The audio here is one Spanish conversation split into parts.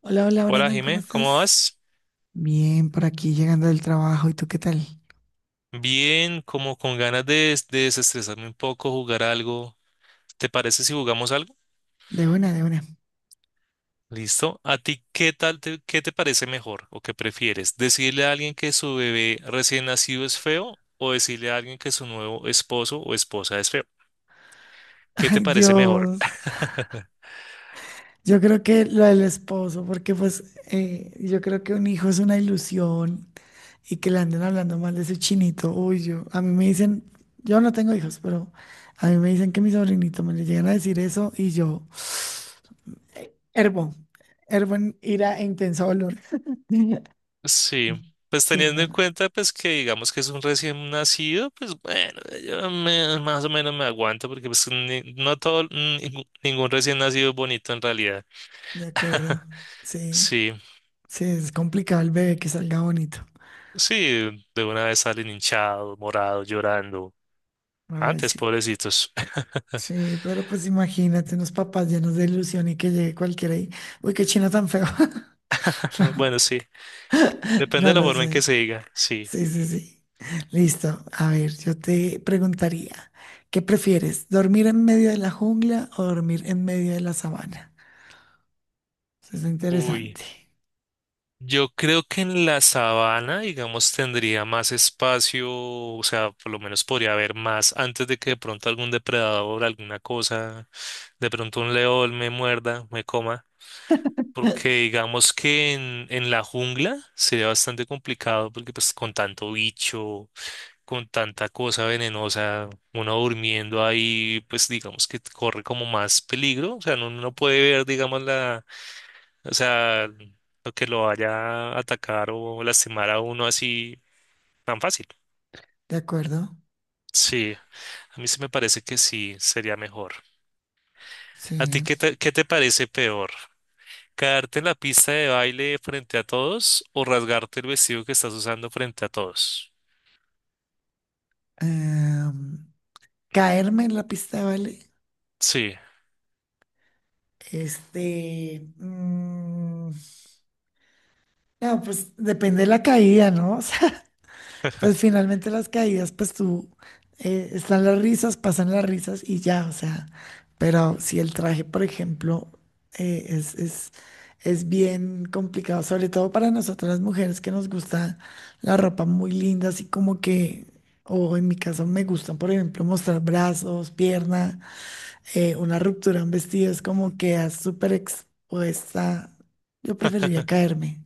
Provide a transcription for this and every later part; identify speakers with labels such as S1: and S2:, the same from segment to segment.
S1: Hola, hola
S2: Hola
S1: Brandon, ¿cómo
S2: Jimé, ¿cómo
S1: estás?
S2: vas?
S1: Bien, por aquí llegando del trabajo. ¿Y tú qué tal?
S2: Bien, como con ganas de desestresarme un poco, jugar algo. ¿Te parece si jugamos algo?
S1: De una, de una.
S2: Listo. ¿A ti qué te parece mejor o qué prefieres? ¿Decirle a alguien que su bebé recién nacido es feo o decirle a alguien que su nuevo esposo o esposa es feo? ¿Qué te
S1: Ay,
S2: parece mejor?
S1: Dios. Yo creo que lo del esposo, porque pues yo creo que un hijo es una ilusión y que le anden hablando mal de su chinito. Uy, yo, a mí me dicen, yo no tengo hijos, pero a mí me dicen que mi sobrinito me le llegan a decir eso y yo, hervo, hervo en ira e intenso dolor.
S2: Sí, pues
S1: Sí,
S2: teniendo
S1: no,
S2: en
S1: no,
S2: cuenta pues que digamos que es un recién nacido, pues bueno, más o menos me aguanto porque no todo, ningún recién nacido es bonito en realidad.
S1: de acuerdo. Sí.
S2: Sí,
S1: Sí, es complicado el bebé que salga bonito.
S2: sí, de una vez salen hinchados, morados, llorando.
S1: Ay,
S2: Antes,
S1: sí.
S2: pobrecitos.
S1: Sí, pero pues imagínate unos papás llenos de ilusión y que llegue cualquiera ahí. Uy, qué chino tan feo. No,
S2: Bueno, sí, depende
S1: no
S2: de la
S1: lo
S2: forma en que
S1: sé.
S2: se diga, sí.
S1: Sí, sí, sí. Listo. A ver, yo te preguntaría, ¿qué prefieres? ¿Dormir en medio de la jungla o dormir en medio de la sabana? Eso es
S2: Uy.
S1: interesante.
S2: Yo creo que en la sabana, digamos, tendría más espacio, o sea, por lo menos podría haber más antes de que de pronto algún depredador, alguna cosa, de pronto un león me muerda, me coma, porque digamos que en la jungla sería bastante complicado porque pues con tanto bicho, con tanta cosa venenosa, uno durmiendo ahí, pues digamos que corre como más peligro, o sea, no puede ver, digamos, o sea, lo que lo vaya a atacar o lastimar a uno así tan fácil.
S1: ¿De acuerdo?
S2: Sí, a mí sí me parece que sí sería mejor. ¿A ti
S1: Sí.
S2: qué te parece peor? ¿Caerte en la pista de baile frente a todos o rasgarte el vestido que estás usando frente a todos?
S1: Em, ¿Caerme en la pista de baile?
S2: Sí,
S1: Este, no, pues depende de la caída, ¿no? O sea, pues finalmente las caídas, están las risas, pasan las risas y ya, o sea, pero si el traje, por ejemplo, eh, es, es, es bien complicado, sobre todo para nosotras las mujeres que nos gusta la ropa muy linda, así como que, o en mi caso me gustan, por ejemplo, mostrar brazos, pierna una ruptura, un vestido, es como quedas súper expuesta. Yo preferiría caerme.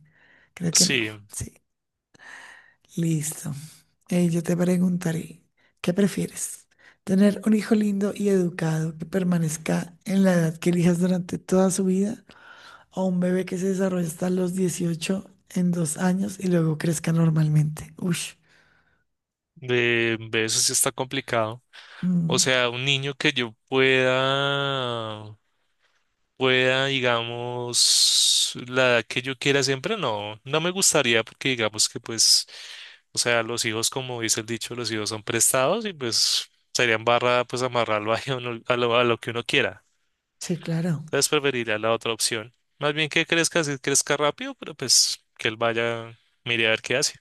S1: Creo que no.
S2: sí,
S1: Sí, listo. Yo te preguntaré, ¿qué prefieres? ¿Tener un hijo lindo y educado que permanezca en la edad que elijas durante toda su vida o un bebé que se desarrolle hasta los 18 en 2 años y luego crezca normalmente? Uy,
S2: de eso sí está complicado. O sea, un niño que yo pueda pueda, digamos, la edad que yo quiera siempre, no me gustaría porque digamos que pues, o sea, los hijos, como dice el dicho, los hijos son prestados y pues sería embarrada pues amarrarlo ahí a lo que uno quiera.
S1: sí, claro,
S2: Entonces preferiría la otra opción. Más bien que crezca, si crezca rápido, pero pues que él vaya, mire a ver qué hace.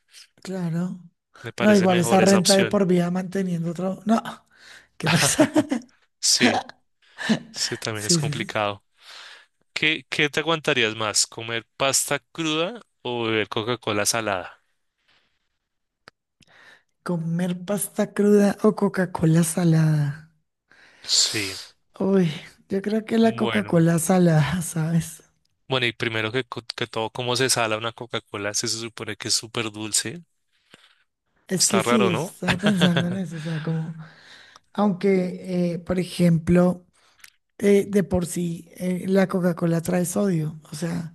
S1: claro.
S2: Me
S1: No,
S2: parece
S1: igual esa
S2: mejor esa
S1: renta de
S2: opción.
S1: por vida manteniendo otro... No, ¿qué pasa?
S2: Sí, sí, también es
S1: Sí, sí, sí.
S2: complicado. ¿Qué, qué te aguantarías más? ¿Comer pasta cruda o beber Coca-Cola salada?
S1: Comer pasta cruda o Coca-Cola salada.
S2: Sí.
S1: Uy, yo creo que la
S2: Bueno,
S1: Coca-Cola salada, ¿sabes?
S2: bueno, y primero que todo, ¿cómo se sala una Coca-Cola? Se supone que es súper dulce.
S1: Es que
S2: Está
S1: sí,
S2: raro, ¿no?
S1: estaba pensando en eso, o sea, como, aunque, por ejemplo, de por sí la Coca-Cola trae sodio, o sea,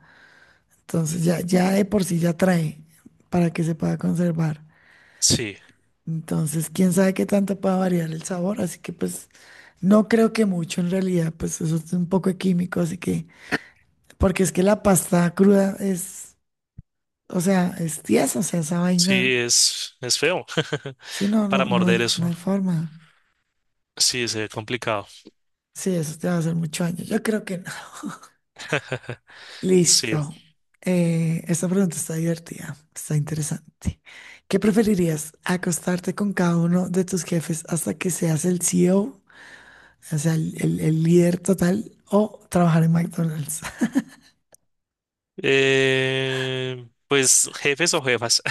S1: entonces ya, ya de por sí ya trae para que se pueda conservar.
S2: Sí,
S1: Entonces, quién sabe qué tanto pueda variar el sabor, así que pues no creo que mucho en realidad, pues eso es un poco de químico, así que... Porque es que la pasta cruda es, o sea, es tiesa, o sea, esa vaina.
S2: sí, es feo.
S1: Sí, no,
S2: Para
S1: no, no
S2: morder
S1: hay, no
S2: eso,
S1: hay forma.
S2: sí, se ve complicado.
S1: Sí, eso te va a hacer mucho daño. Yo creo que no.
S2: Sí.
S1: Listo. Esta pregunta está divertida, está interesante. ¿Qué preferirías? ¿Acostarte con cada uno de tus jefes hasta que seas el CEO, o sea, el líder total, o trabajar en McDonald's?
S2: Pues jefes o jefas,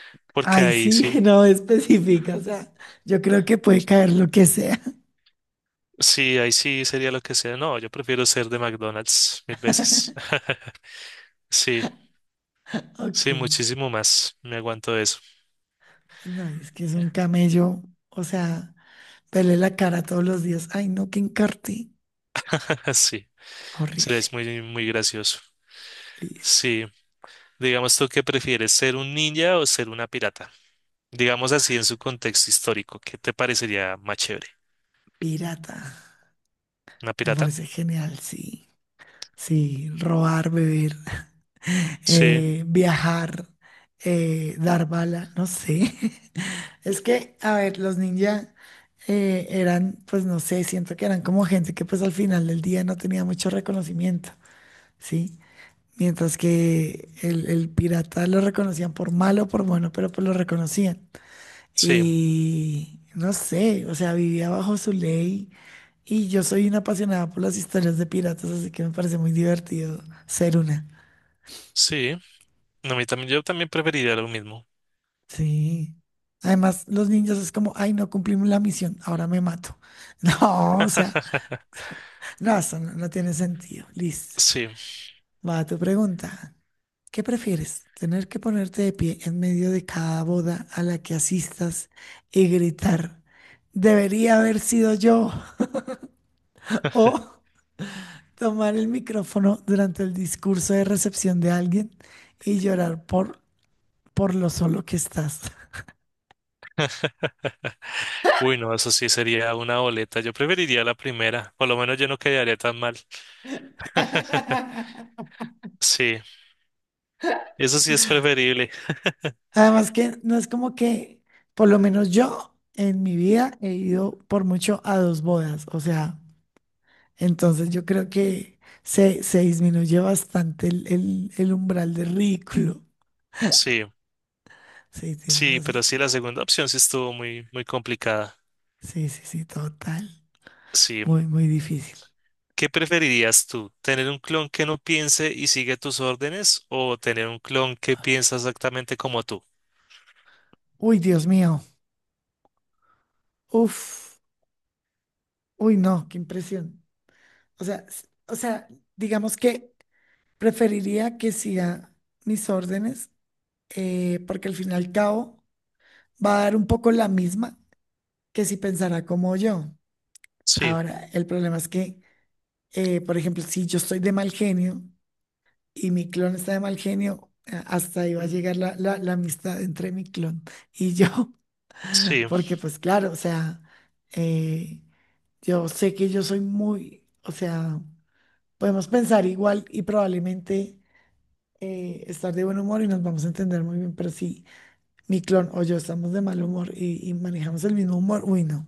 S2: porque
S1: Ay,
S2: ahí
S1: sí,
S2: sí,
S1: no específica, o sea, yo creo que puede caer lo que sea.
S2: sí, ahí sí sería lo que sea. No, yo prefiero ser de McDonald's mil veces. Sí,
S1: Ok.
S2: sí, muchísimo más. Me aguanto eso.
S1: No, es que es un camello, o sea, verle la cara todos los días. Ay, no, que encarte.
S2: Sí, sí,
S1: Horrible.
S2: es muy, muy gracioso.
S1: Listo.
S2: Sí. Digamos, ¿tú qué prefieres, ser un ninja o ser una pirata? Digamos así en su contexto histórico, ¿qué te parecería más chévere?
S1: Pirata.
S2: ¿Una
S1: Me
S2: pirata?
S1: parece genial, sí. Sí, robar, beber,
S2: Sí,
S1: viajar, dar bala, no sé. Es que, a ver, los ninja eran, pues no sé, siento que eran como gente que pues al final del día no tenía mucho reconocimiento, ¿sí? Mientras que el pirata lo reconocían por malo o por bueno, pero pues lo reconocían.
S2: sí,
S1: Y no sé, o sea, vivía bajo su ley. Y yo soy una apasionada por las historias de piratas, así que me parece muy divertido ser una.
S2: sí. No, a mí también, yo también preferiría lo mismo.
S1: Sí. Además, los niños es como, ay, no cumplimos la misión, ahora me mato. No, o sea, no, eso no, no tiene sentido. Listo.
S2: Sí.
S1: Va tu pregunta. ¿Qué prefieres? ¿Tener que ponerte de pie en medio de cada boda a la que asistas y gritar, debería haber sido yo? ¿O tomar el micrófono durante el discurso de recepción de alguien y llorar por lo solo que estás?
S2: Uy, no, eso sí sería una boleta. Yo preferiría la primera. Por lo menos yo no quedaría tan mal. Sí, eso sí es preferible.
S1: Además que no es como que, por lo menos yo en mi vida he ido por mucho a 2 bodas. O sea, entonces yo creo que se disminuye bastante el umbral de ridículo.
S2: Sí,
S1: Sí, tienes
S2: sí,
S1: razón.
S2: pero sí, la segunda opción sí estuvo muy, muy complicada.
S1: Sí, sí, sí, total.
S2: Sí.
S1: Muy, muy difícil.
S2: ¿Qué preferirías tú? ¿Tener un clon que no piense y sigue tus órdenes o tener un clon que piensa exactamente como tú?
S1: Uy, Dios mío. Uf. Uy, no, qué impresión. O sea, o sea, digamos que preferiría que siga mis órdenes, porque al fin y al cabo va a dar un poco la misma que si pensara como yo.
S2: Sí,
S1: Ahora, el problema es que, por ejemplo, si yo estoy de mal genio, y mi clon está de mal genio, hasta ahí va a llegar la amistad entre mi clon y yo,
S2: sí,
S1: porque pues claro, o sea, eh, yo sé que yo soy muy, o sea, podemos pensar igual y probablemente estar de buen humor y nos vamos a entender muy bien, pero si mi clon o yo estamos de mal humor y manejamos el mismo humor, uy, no,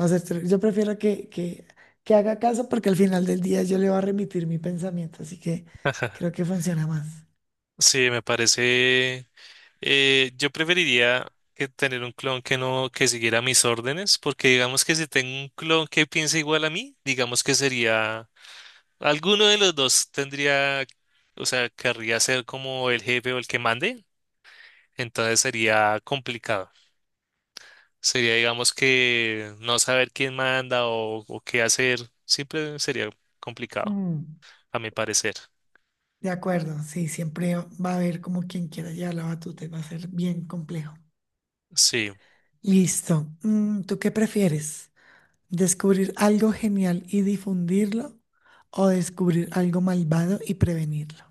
S1: va a ser, ter- yo prefiero que haga caso porque al final del día yo le voy a remitir mi pensamiento, así que creo que funciona más.
S2: sí, me parece. Yo preferiría que tener un clon que no, que siguiera mis órdenes, porque digamos que si tengo un clon que piensa igual a mí, digamos que sería. Alguno de los dos tendría, o sea, querría ser como el jefe o el que mande, entonces sería complicado. Sería, digamos, que no saber quién manda o qué hacer, siempre sería complicado,
S1: Mm.
S2: a mi parecer.
S1: De acuerdo, sí, siempre va a haber como quien quiera llevar la batuta y va a ser bien complejo.
S2: Sí.
S1: Listo. Mm, ¿tú qué prefieres? ¿Descubrir algo genial y difundirlo o descubrir algo malvado y prevenirlo?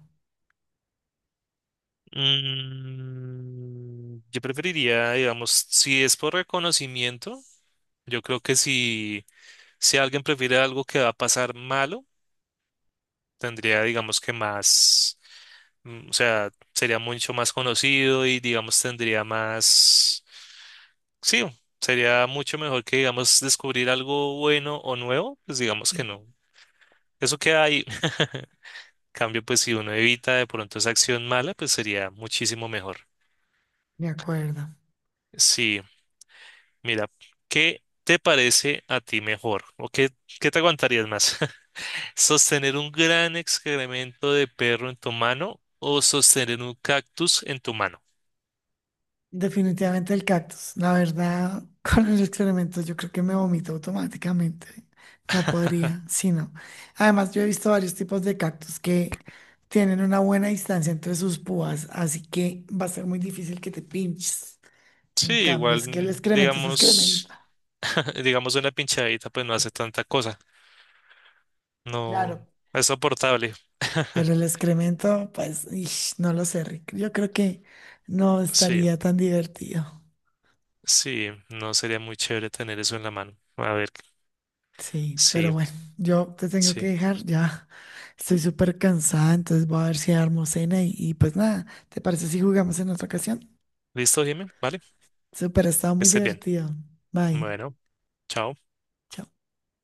S2: Mm, yo preferiría, digamos, si es por reconocimiento, yo creo que si, si alguien prefiere algo que va a pasar malo, tendría, digamos, que más. Mm, O sea, sería mucho más conocido y digamos tendría más... Sí, sería mucho mejor que digamos descubrir algo bueno o nuevo, pues digamos que no. Eso queda ahí. Cambio, pues si uno evita de pronto esa acción mala, pues sería muchísimo mejor.
S1: De acuerdo.
S2: Sí, mira, ¿qué te parece a ti mejor? ¿O qué, qué te aguantarías más? ¿Sostener un gran excremento de perro en tu mano o sostener un cactus en tu mano?
S1: Definitivamente el cactus. La verdad, con el excremento yo creo que me vomito automáticamente. No podría, sí, no. Además, yo he visto varios tipos de cactus que tienen una buena distancia entre sus púas, así que va a ser muy difícil que te pinches.
S2: Sí,
S1: En cambio,
S2: igual,
S1: es que el excremento se
S2: digamos,
S1: excrementa.
S2: digamos una pinchadita, pues no hace tanta cosa. No,
S1: Claro.
S2: no es soportable.
S1: Pero el excremento, pues, ish, no lo sé, Rick. Yo creo que no
S2: Sí,
S1: estaría tan divertido.
S2: sí, no sería muy chévere tener eso en la mano. A ver,
S1: Sí, pero
S2: sí,
S1: bueno, yo te tengo que
S2: sí.
S1: dejar, ya estoy súper cansada, entonces voy a ver si armo cena y pues nada, ¿te parece si jugamos en otra ocasión?
S2: ¿Listo, Jimmy? Vale, que
S1: Súper, ha estado muy
S2: estés bien.
S1: divertido. Bye.
S2: Bueno, chao.
S1: Chao.